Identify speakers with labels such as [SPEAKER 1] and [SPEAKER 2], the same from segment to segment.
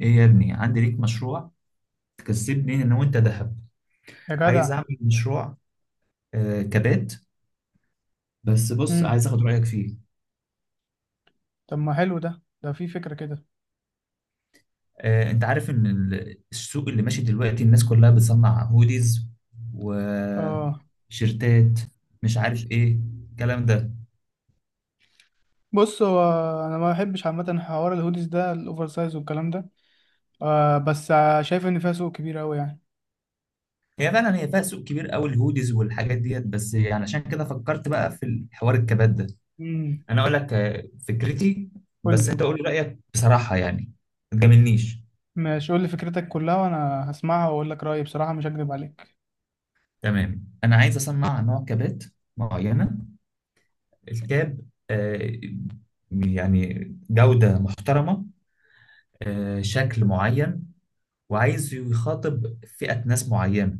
[SPEAKER 1] ايه يا ابني، عندي ليك مشروع تكسبني انا وانت ذهب.
[SPEAKER 2] يا
[SPEAKER 1] عايز
[SPEAKER 2] جدع.
[SPEAKER 1] اعمل مشروع كبات. بس بص،
[SPEAKER 2] امم
[SPEAKER 1] عايز اخد رايك فيه.
[SPEAKER 2] طب ما حلو ده في فكرة كده.
[SPEAKER 1] انت عارف ان السوق اللي ماشي دلوقتي الناس كلها بتصنع هوديز
[SPEAKER 2] اه،
[SPEAKER 1] وشيرتات، مش عارف ايه الكلام ده.
[SPEAKER 2] بص هو انا ما بحبش عامة حوار الهوديز ده الاوفر سايز والكلام ده. بس شايف ان فيها سوق كبير قوي يعني.
[SPEAKER 1] هي فعلا هي فيها سوق كبير قوي الهوديز والحاجات ديت، بس يعني عشان كده فكرت بقى في حوار الكبات ده.
[SPEAKER 2] امم
[SPEAKER 1] انا اقول لك فكرتي.
[SPEAKER 2] قول
[SPEAKER 1] بس
[SPEAKER 2] لي.
[SPEAKER 1] انت قول لي رايك بصراحه يعني، ما تجاملنيش.
[SPEAKER 2] ماشي، قول لي فكرتك كلها وانا هسمعها واقول لك رأيي بصراحة، مش هكذب عليك.
[SPEAKER 1] تمام، انا عايز اصنع نوع كابات معينه. الكاب آه، يعني جوده محترمه، شكل معين، وعايز يخاطب فئه ناس معينه.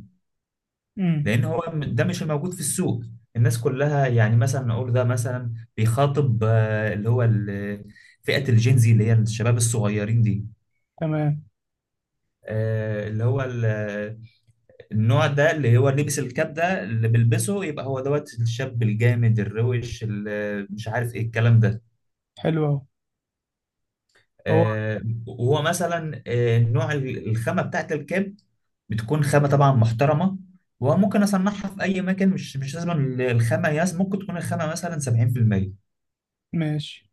[SPEAKER 2] امم
[SPEAKER 1] لان هو ده مش الموجود في السوق. الناس كلها يعني مثلا نقول ده مثلا بيخاطب فئه الجينزي اللي هي الشباب الصغيرين دي.
[SPEAKER 2] تمام.
[SPEAKER 1] اللي هو النوع ده اللي هو لبس الكاب ده اللي بيلبسه يبقى هو دوت الشاب الجامد الروش اللي مش عارف ايه الكلام ده.
[SPEAKER 2] حلو اهو. هو
[SPEAKER 1] آه، وهو مثلا نوع الخامة بتاعت الكاب بتكون خامة طبعا محترمة. وممكن اصنعها في اي مكان، مش لازم الخامة ياس، ممكن تكون الخامة مثلا 70%.
[SPEAKER 2] ماشي.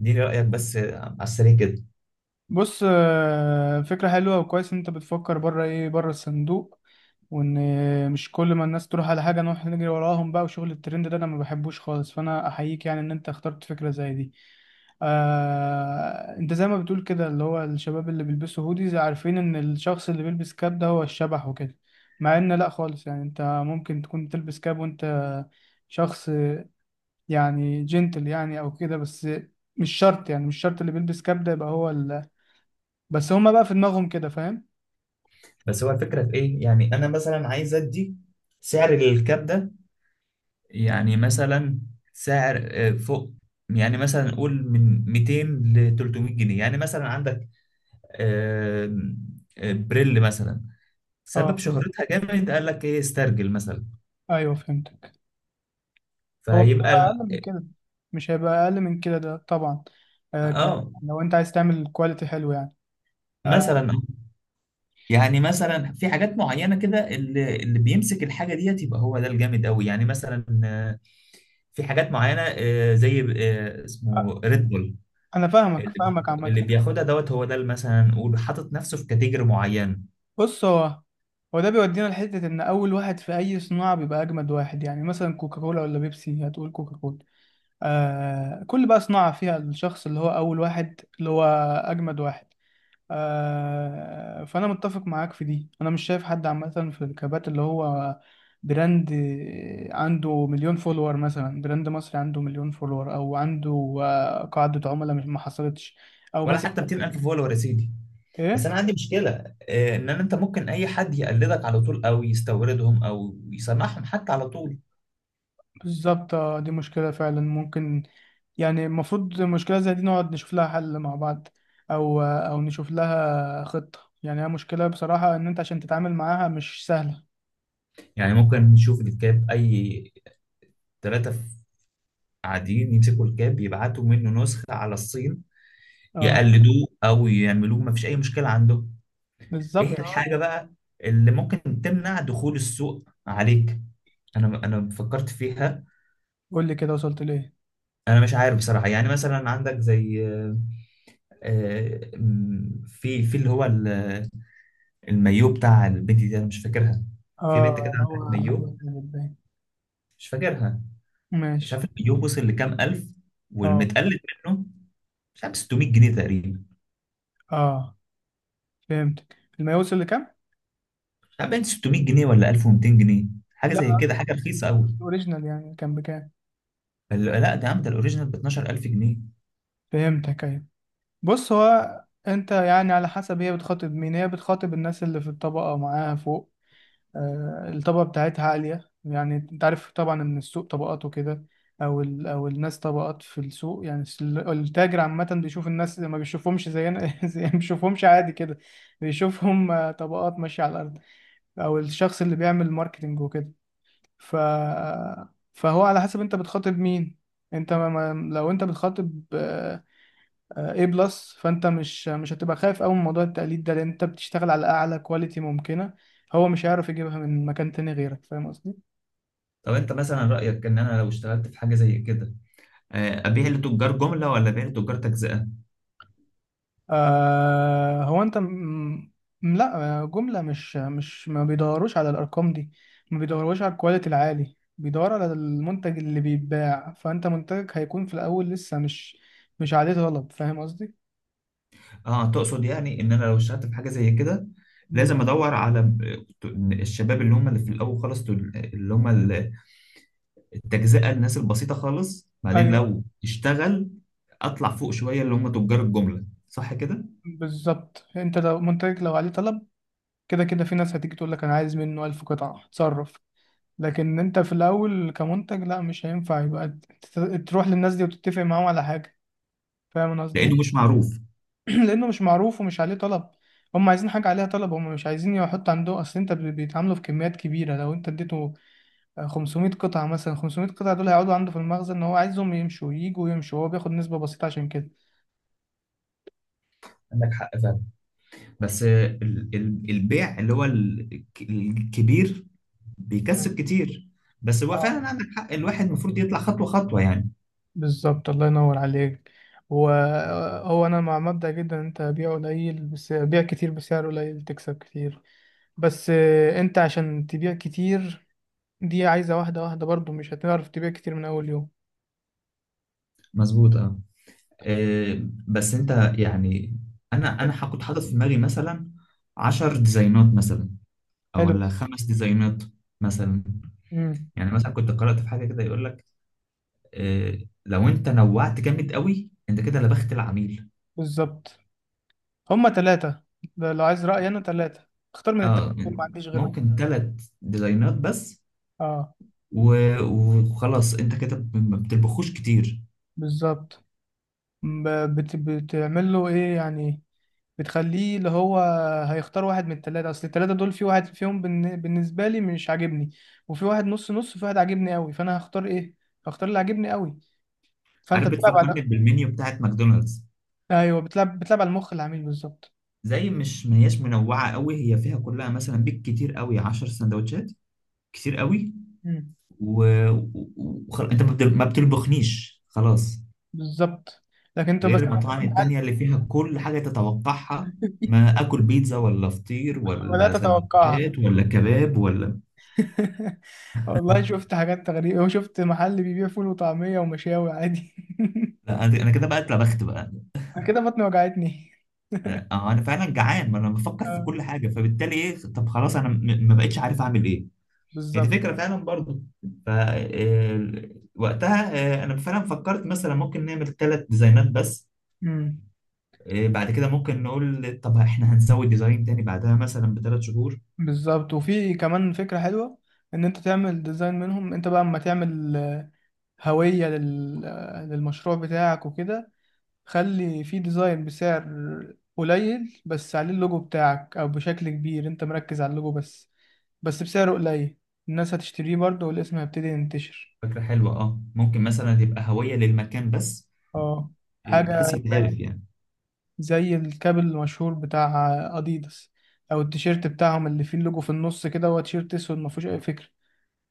[SPEAKER 1] دي رأيك بس على السريع كده.
[SPEAKER 2] بص، فكرة حلوة وكويس ان انت بتفكر بره، ايه، بره الصندوق. وان مش كل ما الناس تروح على حاجة نروح نجري وراهم بقى وشغل الترند ده انا ما بحبوش خالص، فانا احييك يعني ان انت اخترت فكرة زي دي. انت زي ما بتقول كده اللي هو الشباب اللي بيلبسوا هوديز عارفين ان الشخص اللي بيلبس كاب ده هو الشبح وكده. مع ان لا خالص، يعني انت ممكن تكون تلبس كاب وانت شخص يعني جنتل يعني او كده. بس مش شرط، يعني مش شرط اللي بيلبس كاب ده يبقى هو. بس هما بقى في دماغهم كده، فاهم.
[SPEAKER 1] بس هو الفكرة في ايه؟ يعني انا مثلا عايز ادي سعر للكاب ده. يعني مثلا سعر فوق. يعني مثلا نقول من 200 ل 300 جنيه. يعني مثلا عندك آه، بريل مثلا، سبب
[SPEAKER 2] اه،
[SPEAKER 1] شهرتها جامد، قال لك ايه استرجل مثلا.
[SPEAKER 2] ايوه فهمتك. هو مش
[SPEAKER 1] فهيبقى ال...
[SPEAKER 2] هيبقى اقل من كده، مش هيبقى اقل من كده ده طبعا.
[SPEAKER 1] اه
[SPEAKER 2] لو انت عايز تعمل كواليتي حلو يعني. آه.
[SPEAKER 1] مثلا يعني مثلا في حاجات معينه كده اللي بيمسك الحاجه ديت يبقى هو ده الجامد قوي. يعني مثلا في حاجات معينه زي
[SPEAKER 2] آه،
[SPEAKER 1] اسمه ريد بول.
[SPEAKER 2] انا فاهمك
[SPEAKER 1] اللي
[SPEAKER 2] فاهمك
[SPEAKER 1] اللي
[SPEAKER 2] عامه.
[SPEAKER 1] بياخدها دوت هو ده اللي مثلا نقول حاطط نفسه في كاتيجوري معين.
[SPEAKER 2] بص، هو ده بيودينا لحته ان اول واحد في اي صناعه بيبقى اجمد واحد. يعني مثلا كوكاكولا ولا بيبسي، هتقول كوكاكولا. كل بقى صناعه فيها الشخص اللي هو اول واحد اللي هو اجمد واحد. فأنا متفق معاك في دي. أنا مش شايف حد عامة في الكبات اللي هو براند عنده مليون فولور، مثلا براند مصري عنده مليون فولور أو عنده قاعدة عملاء، مش ما حصلتش. أو
[SPEAKER 1] ولا
[SPEAKER 2] ماسك.
[SPEAKER 1] حتى 200,000 فولور يا سيدي. بس
[SPEAKER 2] إيه.
[SPEAKER 1] انا عندي مشكله ان انت ممكن اي حد يقلدك على طول او يستوردهم او يصنعهم حتى على طول.
[SPEAKER 2] بالظبط، دي مشكلة فعلا ممكن. يعني المفروض مشكلة زي دي نقعد نشوف لها حل مع بعض. أو نشوف لها خطة. يعني هي مشكلة بصراحة إن أنت عشان تتعامل معاها مش سهلة.
[SPEAKER 1] يعني ممكن نشوف الكاب اي ثلاثه قاعدين يمسكوا الكاب يبعتوا منه نسخه على الصين
[SPEAKER 2] اه
[SPEAKER 1] يقلدوه او يعملوه، ما فيش اي مشكله عندهم. ايه
[SPEAKER 2] بالظبط اه.
[SPEAKER 1] الحاجه بقى اللي ممكن تمنع دخول السوق عليك؟ انا فكرت فيها.
[SPEAKER 2] قول لي كده وصلت لإيه.
[SPEAKER 1] انا مش عارف بصراحه. يعني مثلا عندك زي آه، في اللي هو المايو بتاع البنت دي، انا مش فاكرها. في بنت
[SPEAKER 2] اه،
[SPEAKER 1] كده
[SPEAKER 2] اللي
[SPEAKER 1] عملت
[SPEAKER 2] هو
[SPEAKER 1] مايو،
[SPEAKER 2] جامد باين.
[SPEAKER 1] مش فاكرها. مش عارف
[SPEAKER 2] ماشي.
[SPEAKER 1] المايو وصل لكام الف،
[SPEAKER 2] اه،
[SPEAKER 1] والمتقلد منه مش عارف 600 جنيه تقريبا.
[SPEAKER 2] اه فهمتك. الماء وصل لكام؟
[SPEAKER 1] مش عارف بين 600 جنيه ولا 1,200 جنيه، حاجه زي
[SPEAKER 2] لا.
[SPEAKER 1] كده، حاجه رخيصه قوي.
[SPEAKER 2] الاوريجينال يعني كان بكام؟
[SPEAKER 1] لا ده يا عم ده الاوريجينال ب 12,000 جنيه.
[SPEAKER 2] فهمتك، ايوه. بص، هو انت يعني على حسب هي بتخاطب مين. هي بتخاطب الناس اللي في الطبقة معاها فوق. آه، الطبقة بتاعتها عالية. يعني انت عارف طبعا ان السوق طبقات وكده. او الناس طبقات في السوق. يعني التاجر عامة بيشوف الناس، ما بيشوفهمش زينا زي ما بيشوفهمش عادي كده. بيشوفهم طبقات ماشية على الارض. او الشخص اللي بيعمل ماركتينج وكده. ف، فهو على حسب انت بتخاطب مين. انت لو انت بتخاطب اي بلس، فانت مش هتبقى خايف قوي من موضوع التقليد ده لان انت بتشتغل على اعلى كواليتي ممكنه. هو مش هيعرف يجيبها من مكان تاني غيرك، فاهم قصدي.
[SPEAKER 1] طب انت مثلا رايك ان انا لو اشتغلت في حاجه زي كده ابيع لتجار جمله ولا ابيع لتجار تجزئه؟
[SPEAKER 2] آه هو انت م... م- لا. جملة مش ما بيدوروش على الارقام دي. ما بيدوروش على الكواليتي العالي، بيدور على المنتج اللي بيتباع. فانت منتجك هيكون في الاول لسه مش عليه طلب، فاهم قصدي.
[SPEAKER 1] اه، تقصد يعني ان انا لو اشتغلت في حاجه زي كده
[SPEAKER 2] م.
[SPEAKER 1] لازم ادور على الشباب اللي هم اللي في الاول خالص اللي هم التجزئة، الناس البسيطة خالص، بعدين
[SPEAKER 2] ايوه،
[SPEAKER 1] لو اشتغل اطلع فوق شوية اللي هم تجار الجملة، صح كده؟
[SPEAKER 2] بالظبط. انت لو منتجك لو عليه طلب، كده كده في ناس هتيجي تقول لك انا عايز منه 1000 قطعة، اتصرف. لكن انت في الاول كمنتج لا، مش هينفع يبقى ت- تروح للناس دي وتتفق معاهم على حاجة. فاهم أنا قصدي
[SPEAKER 1] لانه مش
[SPEAKER 2] إيه؟
[SPEAKER 1] معروف.
[SPEAKER 2] لانه مش معروف ومش عليه طلب. هم عايزين حاجه عليها طلب، هم مش عايزين يحط عنده. اصل انت بيتعاملوا في كميات كبيره. لو انت اديته 500 قطعه مثلا، 500 قطعه دول هيقعدوا عنده في المخزن ان هو عايزهم يمشوا يجوا يمشوا. هو بياخد نسبه بسيطه عشان كده.
[SPEAKER 1] عندك حق فعلا. بس البيع اللي هو الكبير
[SPEAKER 2] مم.
[SPEAKER 1] بيكسب كتير. بس هو
[SPEAKER 2] اه
[SPEAKER 1] فعلا عندك حق، الواحد المفروض يطلع خطوة خطوة يعني.
[SPEAKER 2] بالظبط الله ينور عليك. وهو انا مع مبدأ جدا إن انت بيع قليل بس بيع كتير، بسعر قليل تكسب كتير. بس انت عشان تبيع كتير دي عايزة واحدة واحدة برضو، مش هتعرف تبيع كتير من اول يوم.
[SPEAKER 1] مظبوط اه. بس انت يعني انا هكون حاطط في دماغي مثلا 10 ديزاينات مثلا، او
[SPEAKER 2] حلو.
[SPEAKER 1] ولا 5 ديزاينات مثلا.
[SPEAKER 2] امم
[SPEAKER 1] يعني مثلا كنت قرأت في حاجة كده يقول لك آه، لو انت نوعت جامد قوي انت كده لبخت العميل.
[SPEAKER 2] بالظبط. هما ثلاثة، ده لو عايز رأيي، أنا ثلاثة، اختار من التلاتة
[SPEAKER 1] اه،
[SPEAKER 2] دول، ما عنديش غيرهم.
[SPEAKER 1] ممكن 3 ديزاينات بس.
[SPEAKER 2] اه
[SPEAKER 1] وخلاص انت كده ما بتطبخوش كتير.
[SPEAKER 2] بالظبط. ب- بتعمل له إيه يعني؟ بتخليه اللي هو هيختار واحد من التلاتة. أصل التلاتة دول في واحد فيهم بالنسبة لي مش عاجبني، وفي واحد نص نص، وفي واحد عاجبني أوي. فأنا هختار إيه؟ هختار اللي عاجبني أوي. فأنت
[SPEAKER 1] عارف
[SPEAKER 2] بتلعب
[SPEAKER 1] بتفكرني
[SPEAKER 2] على،
[SPEAKER 1] بالمنيو بتاعت ماكدونالدز،
[SPEAKER 2] أيوه، بتلعب على المخ العميل بالظبط.
[SPEAKER 1] زي مش ما هياش منوعه قوي، هي فيها كلها، مثلا بيك كتير قوي 10 سندوتشات كتير قوي.
[SPEAKER 2] مم.
[SPEAKER 1] و... انت ما بتطبخنيش خلاص،
[SPEAKER 2] بالظبط. لكن أنت بس
[SPEAKER 1] غير المطاعم
[SPEAKER 2] في محل.
[SPEAKER 1] التانية اللي فيها كل حاجة تتوقعها، ما اكل بيتزا ولا فطير ولا
[SPEAKER 2] بدأت أتوقعها.
[SPEAKER 1] سندوتشات ولا كباب ولا...
[SPEAKER 2] والله شفت حاجات غريبة، وشفت محل بيبيع فول وطعمية ومشاوي عادي.
[SPEAKER 1] لا انا، أنا كده بقى اتلبخت بقى.
[SPEAKER 2] أنا كده بطني وجعتني.
[SPEAKER 1] آه، انا فعلا جعان، ما انا بفكر في
[SPEAKER 2] آه،
[SPEAKER 1] كل حاجة. فبالتالي ايه؟ طب خلاص، انا ما بقتش عارف اعمل ايه. هي دي
[SPEAKER 2] بالظبط.
[SPEAKER 1] فكرة فعلا برضو. ف آه، وقتها انا فعلا فكرت مثلا ممكن نعمل 3 ديزاينات بس.
[SPEAKER 2] مم.
[SPEAKER 1] بعد كده ممكن نقول طب احنا هنسوي ديزاين تاني بعدها مثلا ب 3 شهور.
[SPEAKER 2] بالظبط. وفي كمان فكرة حلوة إن أنت تعمل ديزاين منهم، أنت بقى أما تعمل هوية لل... آه، للمشروع بتاعك وكده. خلي في ديزاين بسعر قليل بس عليه اللوجو بتاعك، أو بشكل كبير أنت مركز على اللوجو بس، بس بسعر قليل. الناس هتشتريه برضه، والاسم هيبتدي ينتشر.
[SPEAKER 1] فكرة حلوة اه، ممكن مثلا يبقى هوية للمكان بس
[SPEAKER 2] اه، حاجة
[SPEAKER 1] بحيث يتهرف
[SPEAKER 2] زي،
[SPEAKER 1] يعني.
[SPEAKER 2] الكابل المشهور بتاع اديداس. او التيشيرت بتاعهم اللي فيه اللوجو في النص كده، هو تيشيرت اسود ما فيهوش اي فكرة.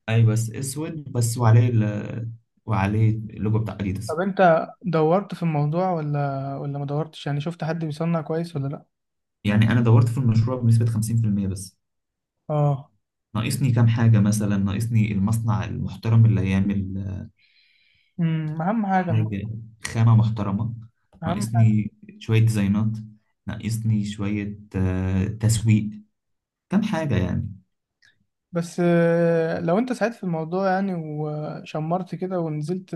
[SPEAKER 1] ايوه بس اسود بس وعليه ال... وعليه اللوجو بتاع
[SPEAKER 2] طب
[SPEAKER 1] اديداس.
[SPEAKER 2] انت دورت في الموضوع ولا ما دورتش؟ يعني شفت حد بيصنع كويس ولا لا؟
[SPEAKER 1] يعني انا دورت في المشروع بنسبة 50% بس،
[SPEAKER 2] اه.
[SPEAKER 1] ناقصني كام حاجة. مثلا ناقصني المصنع المحترم اللي هيعمل
[SPEAKER 2] اهم حاجة
[SPEAKER 1] حاجة خامة محترمة،
[SPEAKER 2] اهم حاجة.
[SPEAKER 1] ناقصني شوية ديزاينات، ناقصني شوية تسويق، كام حاجة يعني.
[SPEAKER 2] بس لو انت ساعدت في الموضوع يعني وشمرت كده ونزلت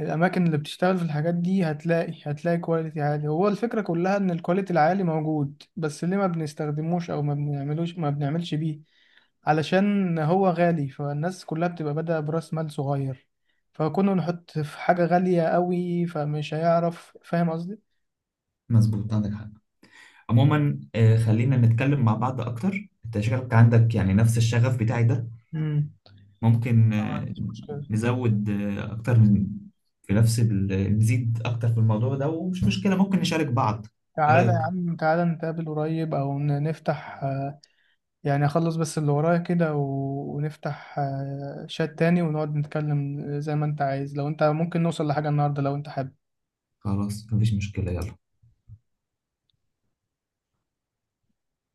[SPEAKER 2] الاماكن اللي بتشتغل في الحاجات دي، هتلاقي كواليتي عالي. هو الفكره كلها ان الكواليتي العالي موجود، بس ليه ما بنستخدموش او ما بنعملش بيه؟ علشان هو غالي، فالناس كلها بتبقى بادئه براس مال صغير، فكنا نحط في حاجه غاليه قوي فمش هيعرف، فاهم قصدي.
[SPEAKER 1] مظبوط عندك حق. عموما خلينا نتكلم مع بعض اكتر، انت شكلك عندك يعني نفس الشغف بتاعي ده.
[SPEAKER 2] مم.
[SPEAKER 1] ممكن
[SPEAKER 2] ما عنديش مشكله.
[SPEAKER 1] نزود أكتر من في نفس ال... نزيد أكتر في الموضوع ده، ومش مشكلة ممكن نشارك بعض. إيه
[SPEAKER 2] تعالى يا
[SPEAKER 1] رأيك؟
[SPEAKER 2] عم، تعالى نتقابل قريب، او نفتح. يعني اخلص بس اللي ورايا كده و... ونفتح شات تاني ونقعد نتكلم زي ما انت عايز. لو انت ممكن نوصل لحاجة النهاردة، لو انت حابب.
[SPEAKER 1] خلاص مفيش مشكلة يلا